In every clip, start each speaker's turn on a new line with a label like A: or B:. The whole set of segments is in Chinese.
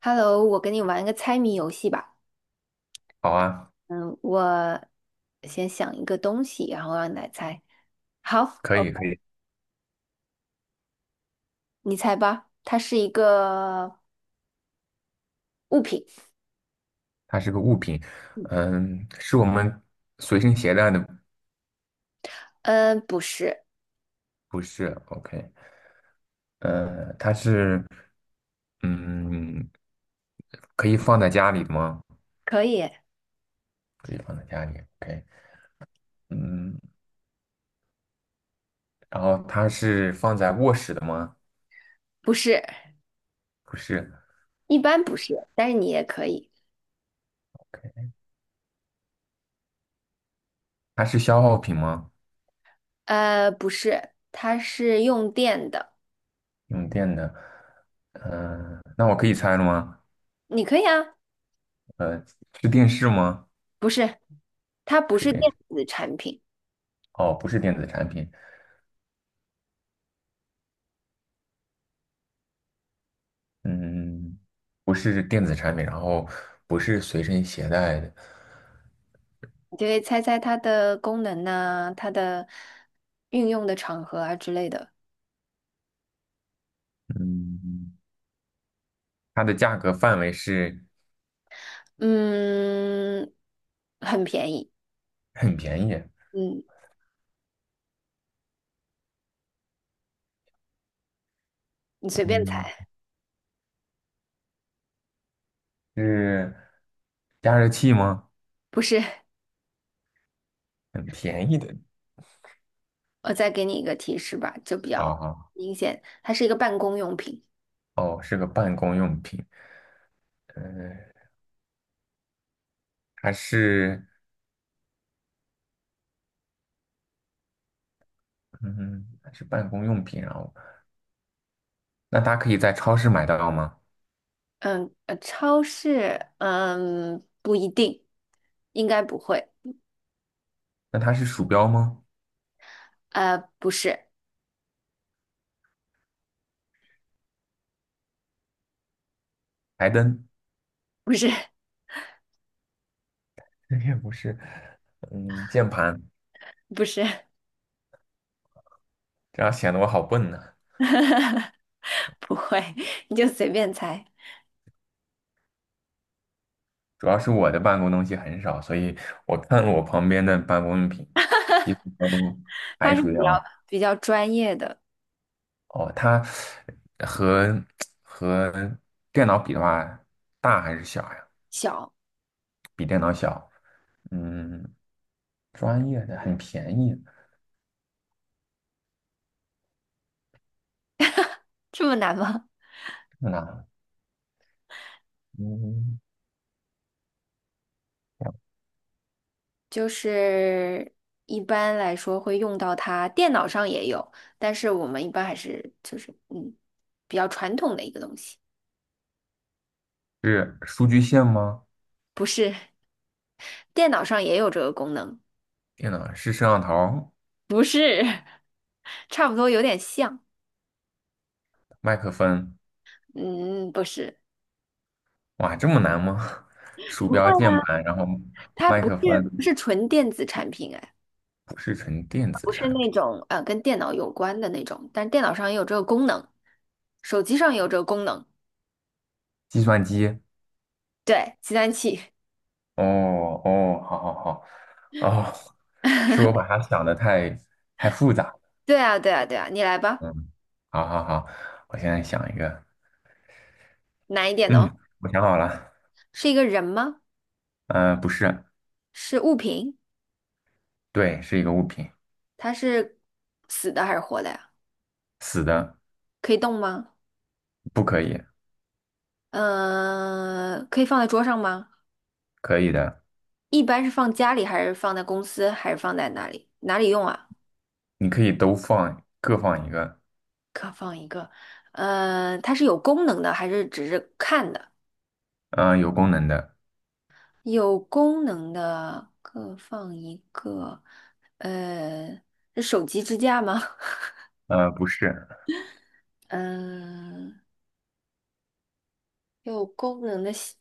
A: Hello，我跟你玩一个猜谜游戏吧。
B: 好啊，
A: 嗯，我先想一个东西，然后让你来猜。好，
B: 可
A: 哦，
B: 以可以，
A: 你猜吧。它是一个物品。
B: 它是个物品，是我们随身携带的，
A: 嗯，不是，
B: 不是？OK，它是，嗯，可以放在家里的吗？
A: 可以，
B: 可以放在家里，OK，嗯，然后它是放在卧室的吗？
A: 不是，
B: 不是
A: 一般不是，但是你也可以。
B: ，OK，它是消耗品吗？
A: 不是，它是用电的，
B: 用电的，那我可以猜了吗？
A: 你可以啊。
B: 呃，是电视吗？
A: 不是，它
B: 不
A: 不
B: 是
A: 是电
B: 电视，
A: 子产品，
B: 哦，不是电子产品，嗯，不是电子产品，然后不是随身携带的，
A: 你就可以猜猜它的功能呐、它的运用的场合啊之类的。
B: 嗯，它的价格范围是
A: 嗯，很便宜。
B: 很便宜，
A: 嗯，你随便
B: 嗯，
A: 猜。
B: 是加热器吗？
A: 不是，
B: 很便宜的，
A: 我再给你一个提示吧，就比
B: 啊
A: 较
B: 哈，
A: 明显，它是一个办公用品。
B: 哦，是个办公用品，嗯，还是，嗯，它是办公用品，然后那它可以在超市买到吗？
A: 嗯，超市，不一定，应该不会。
B: 那它是鼠标吗？
A: 不是，
B: 台灯？
A: 不是，
B: 这也不是，嗯，键盘，
A: 不是，
B: 这样显得我好笨呢。
A: 不会，你就随便猜。
B: 主要是我的办公东西很少，所以我看我旁边的办公用品，几乎都
A: 它是比较专业的，
B: 哦，它和和电脑比的话，大还是小呀？
A: 小，
B: 比电脑小。嗯，专业的很便宜，
A: 这么难吗？
B: 那嗯
A: 就是一般来说会用到它，电脑上也有，但是我们一般还是就是比较传统的一个东西，
B: 是数据线吗？
A: 不是，电脑上也有这个功能，
B: 电脑是摄像头、
A: 不是，差不多有点像，
B: 麦克风，
A: 嗯，不是，
B: 哇，这么难吗？鼠
A: 不
B: 标、
A: 会
B: 键
A: 啊，
B: 盘，然后
A: 它
B: 麦
A: 不
B: 克
A: 是
B: 风
A: 不是纯电子产品，哎，
B: 不是纯电子
A: 不是
B: 产
A: 那
B: 品，
A: 种跟电脑有关的那种，但是电脑上也有这个功能，手机上也有这个功能，
B: 计算机。
A: 对，计算器，
B: 哦哦，好好好，哦，是我把它想的太复杂了，
A: 对啊，对啊，对啊，你来吧，
B: 嗯，好好好，我现在想一个，
A: 难一点哦。
B: 嗯，我想好了，
A: 是一个人吗？
B: 嗯、不是，
A: 是物品？
B: 对，是一个物品，
A: 它是死的还是活的呀？
B: 死的，
A: 可以动吗？
B: 不可以，
A: 嗯、可以放在桌上吗？
B: 可以的，
A: 一般是放家里，还是放在公司，还是放在哪里？哪里用啊？
B: 你可以都放，各放一个，
A: 呃，它是有功能的，还是只是看的？
B: 嗯、有功能的，
A: 有功能的各放一个，呃，是手机支架吗？
B: 不是，
A: 嗯、有功能的香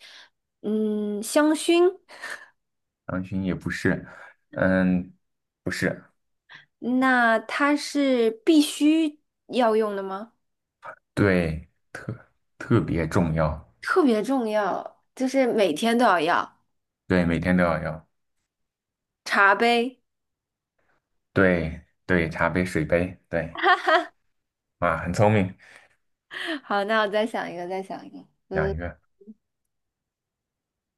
A: 嗯，香薰。
B: 狼群也不是，嗯，不是，
A: 那它是必须要用的吗？
B: 对，特别重要，
A: 特别重要，就是每天都要
B: 对，每天都要要，
A: 茶杯。
B: 对对，茶杯、水杯，对。
A: 哈哈，
B: 啊，很聪明，
A: 好，那我再想一个，再想一个。
B: 养
A: 嗯，
B: 鱼。OK，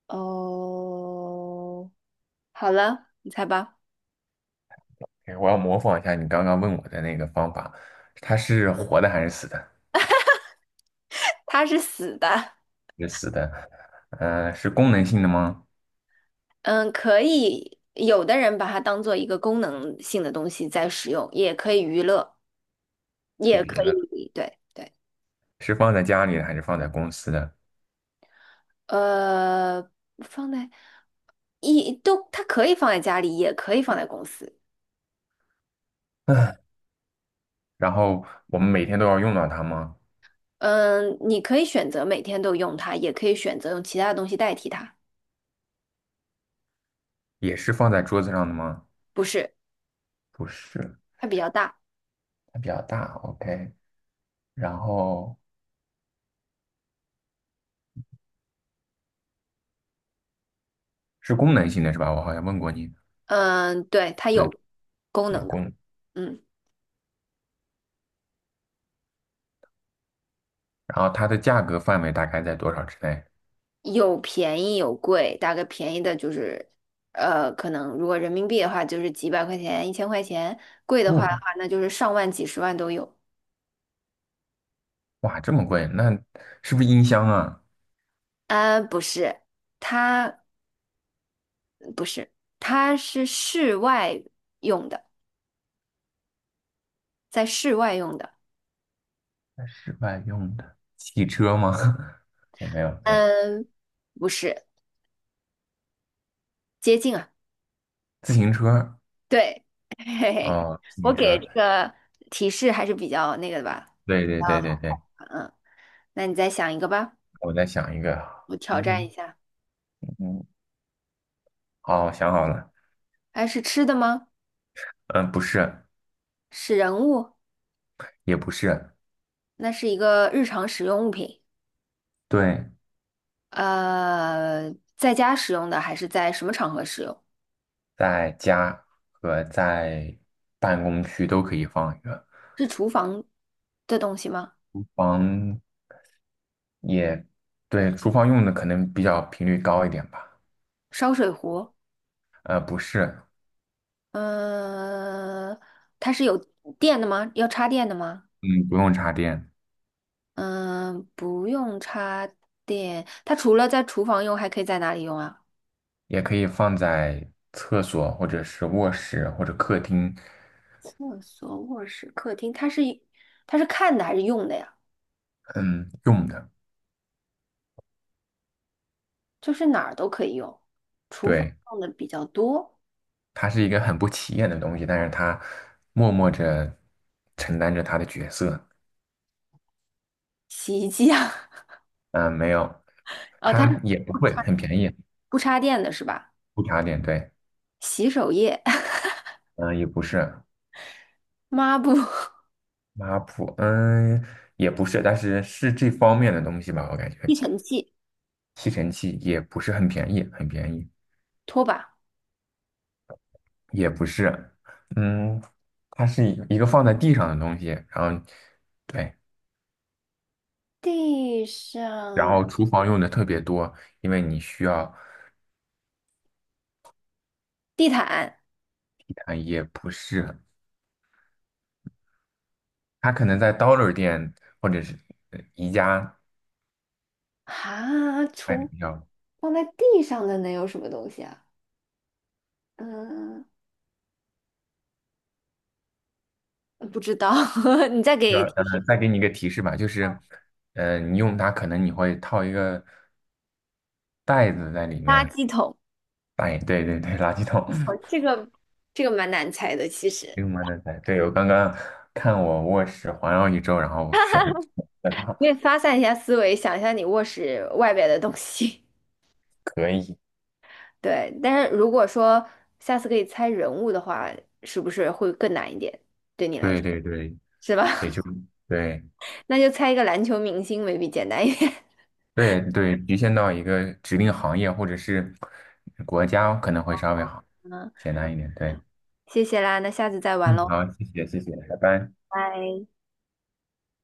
A: 哦，好了，你猜吧。
B: 我要模仿一下你刚刚问我的那个方法，它是活的还是死的？
A: 它是死的，
B: 是死的。是功能性的吗？
A: 嗯，可以，有的人把它当做一个功能性的东西在使用，也可以娱乐，
B: 太
A: 也
B: 别
A: 可
B: 了，
A: 以，对对，
B: 是放在家里的还是放在公司的？
A: 呃，放在一都，它可以放在家里，也可以放在公司。
B: 然后我们每天都要用到它吗？
A: 嗯，你可以选择每天都用它，也可以选择用其他的东西代替它。
B: 也是放在桌子上的吗？
A: 不是，
B: 不是，
A: 它比较大。
B: 它比较大。OK，然后是功能性的是吧？我好像问过你，
A: 嗯，对，它
B: 对，
A: 有功
B: 有
A: 能的。
B: 功能
A: 嗯，
B: 然后它的价格范围大概在多少之内？
A: 有便宜有贵，大概便宜的就是，呃，可能如果人民币的话，就是几百块钱、一千块钱；贵的话的
B: 哇
A: 话，那就是上万、几十万都有。
B: 哇，这么贵，那是不是音箱啊？
A: 啊，不是，它不是，它是室外用的，在室外用的。
B: 在室外用的汽车吗？也没有没有，
A: 嗯，不是，接近。啊。
B: 自行车
A: 对，嘿嘿，
B: 哦，自
A: 我
B: 行
A: 给
B: 车，
A: 这个提示还是比较那个的吧。
B: 对对对对对，
A: 嗯，那你再想一个吧，
B: 我在想一个，
A: 我挑战一
B: 嗯
A: 下。
B: 嗯，哦，想好了，
A: 哎，是吃的吗？
B: 嗯，不是，
A: 是人物？
B: 也不是，
A: 那是一个日常使用物品。
B: 对，
A: 呃，在家使用的还是在什么场合使用？
B: 在家和在办公区都可以放一个，
A: 是厨房的东西吗？
B: 房也对，厨房用的可能比较频率高一点吧，
A: 烧水壶？
B: 不是，
A: 嗯、它是有电的吗？要插电的吗？
B: 嗯，不用插电，
A: 嗯、不用插电。它除了在厨房用，还可以在哪里用啊？
B: 也可以放在厕所或者是卧室或者客厅。
A: 厕所、卧室、客厅，它是看的还是用的呀？
B: 嗯，用的，
A: 就是哪儿都可以用，厨房
B: 对，
A: 用的比较多，
B: 它是一个很不起眼的东西，但是它默默着承担着它的角色。
A: 洗衣机啊，
B: 嗯，没有，
A: 哦，它是
B: 它也不
A: 不
B: 贵，
A: 插
B: 很便宜，
A: 不插电的是吧？
B: 不差点，对，
A: 洗手液、
B: 嗯，也不是
A: 抹布、
B: 抹布，嗯，也不是，但是是这方面的东西吧，我感觉
A: 吸尘器、
B: 吸尘器也不是很便宜，很便宜，
A: 拖把、
B: 也不是，嗯，它是一个放在地上的东西，然后对，
A: 地
B: 然
A: 上
B: 后厨房用的特别多，因为你需要。
A: 地毯
B: 啊，也不是，他可能在 Dollar 店或者是宜家
A: 啊，
B: 卖的
A: 除
B: 比较。
A: 放在地上的能有什么东西啊？嗯，不知道，你再
B: 要
A: 给提示
B: 再给你一个提示吧，就是，你用它可能你会套一个袋子在里
A: 垃
B: 面，
A: 圾桶。
B: 袋，对对对，垃圾桶，
A: 哦，这个蛮难猜的，其 实。
B: 用完的袋。对，我刚刚看我卧室环绕一周，然后选的它，
A: 可以发散一下思维，想一下你卧室外边的东西。
B: 可以。
A: 对，但是如果说下次可以猜人物的话，是不是会更难一点？
B: 对对对
A: 是
B: 对，
A: 吧？
B: 就对
A: 那就猜一个篮球明星，maybe 简单一点。
B: 对对，局限到一个指定行业或者是国家可能会稍微好
A: 嗯，
B: 简单一点，对。
A: 谢谢啦，那下次再玩
B: 嗯，
A: 喽，
B: 好，谢谢，拜拜。
A: 拜。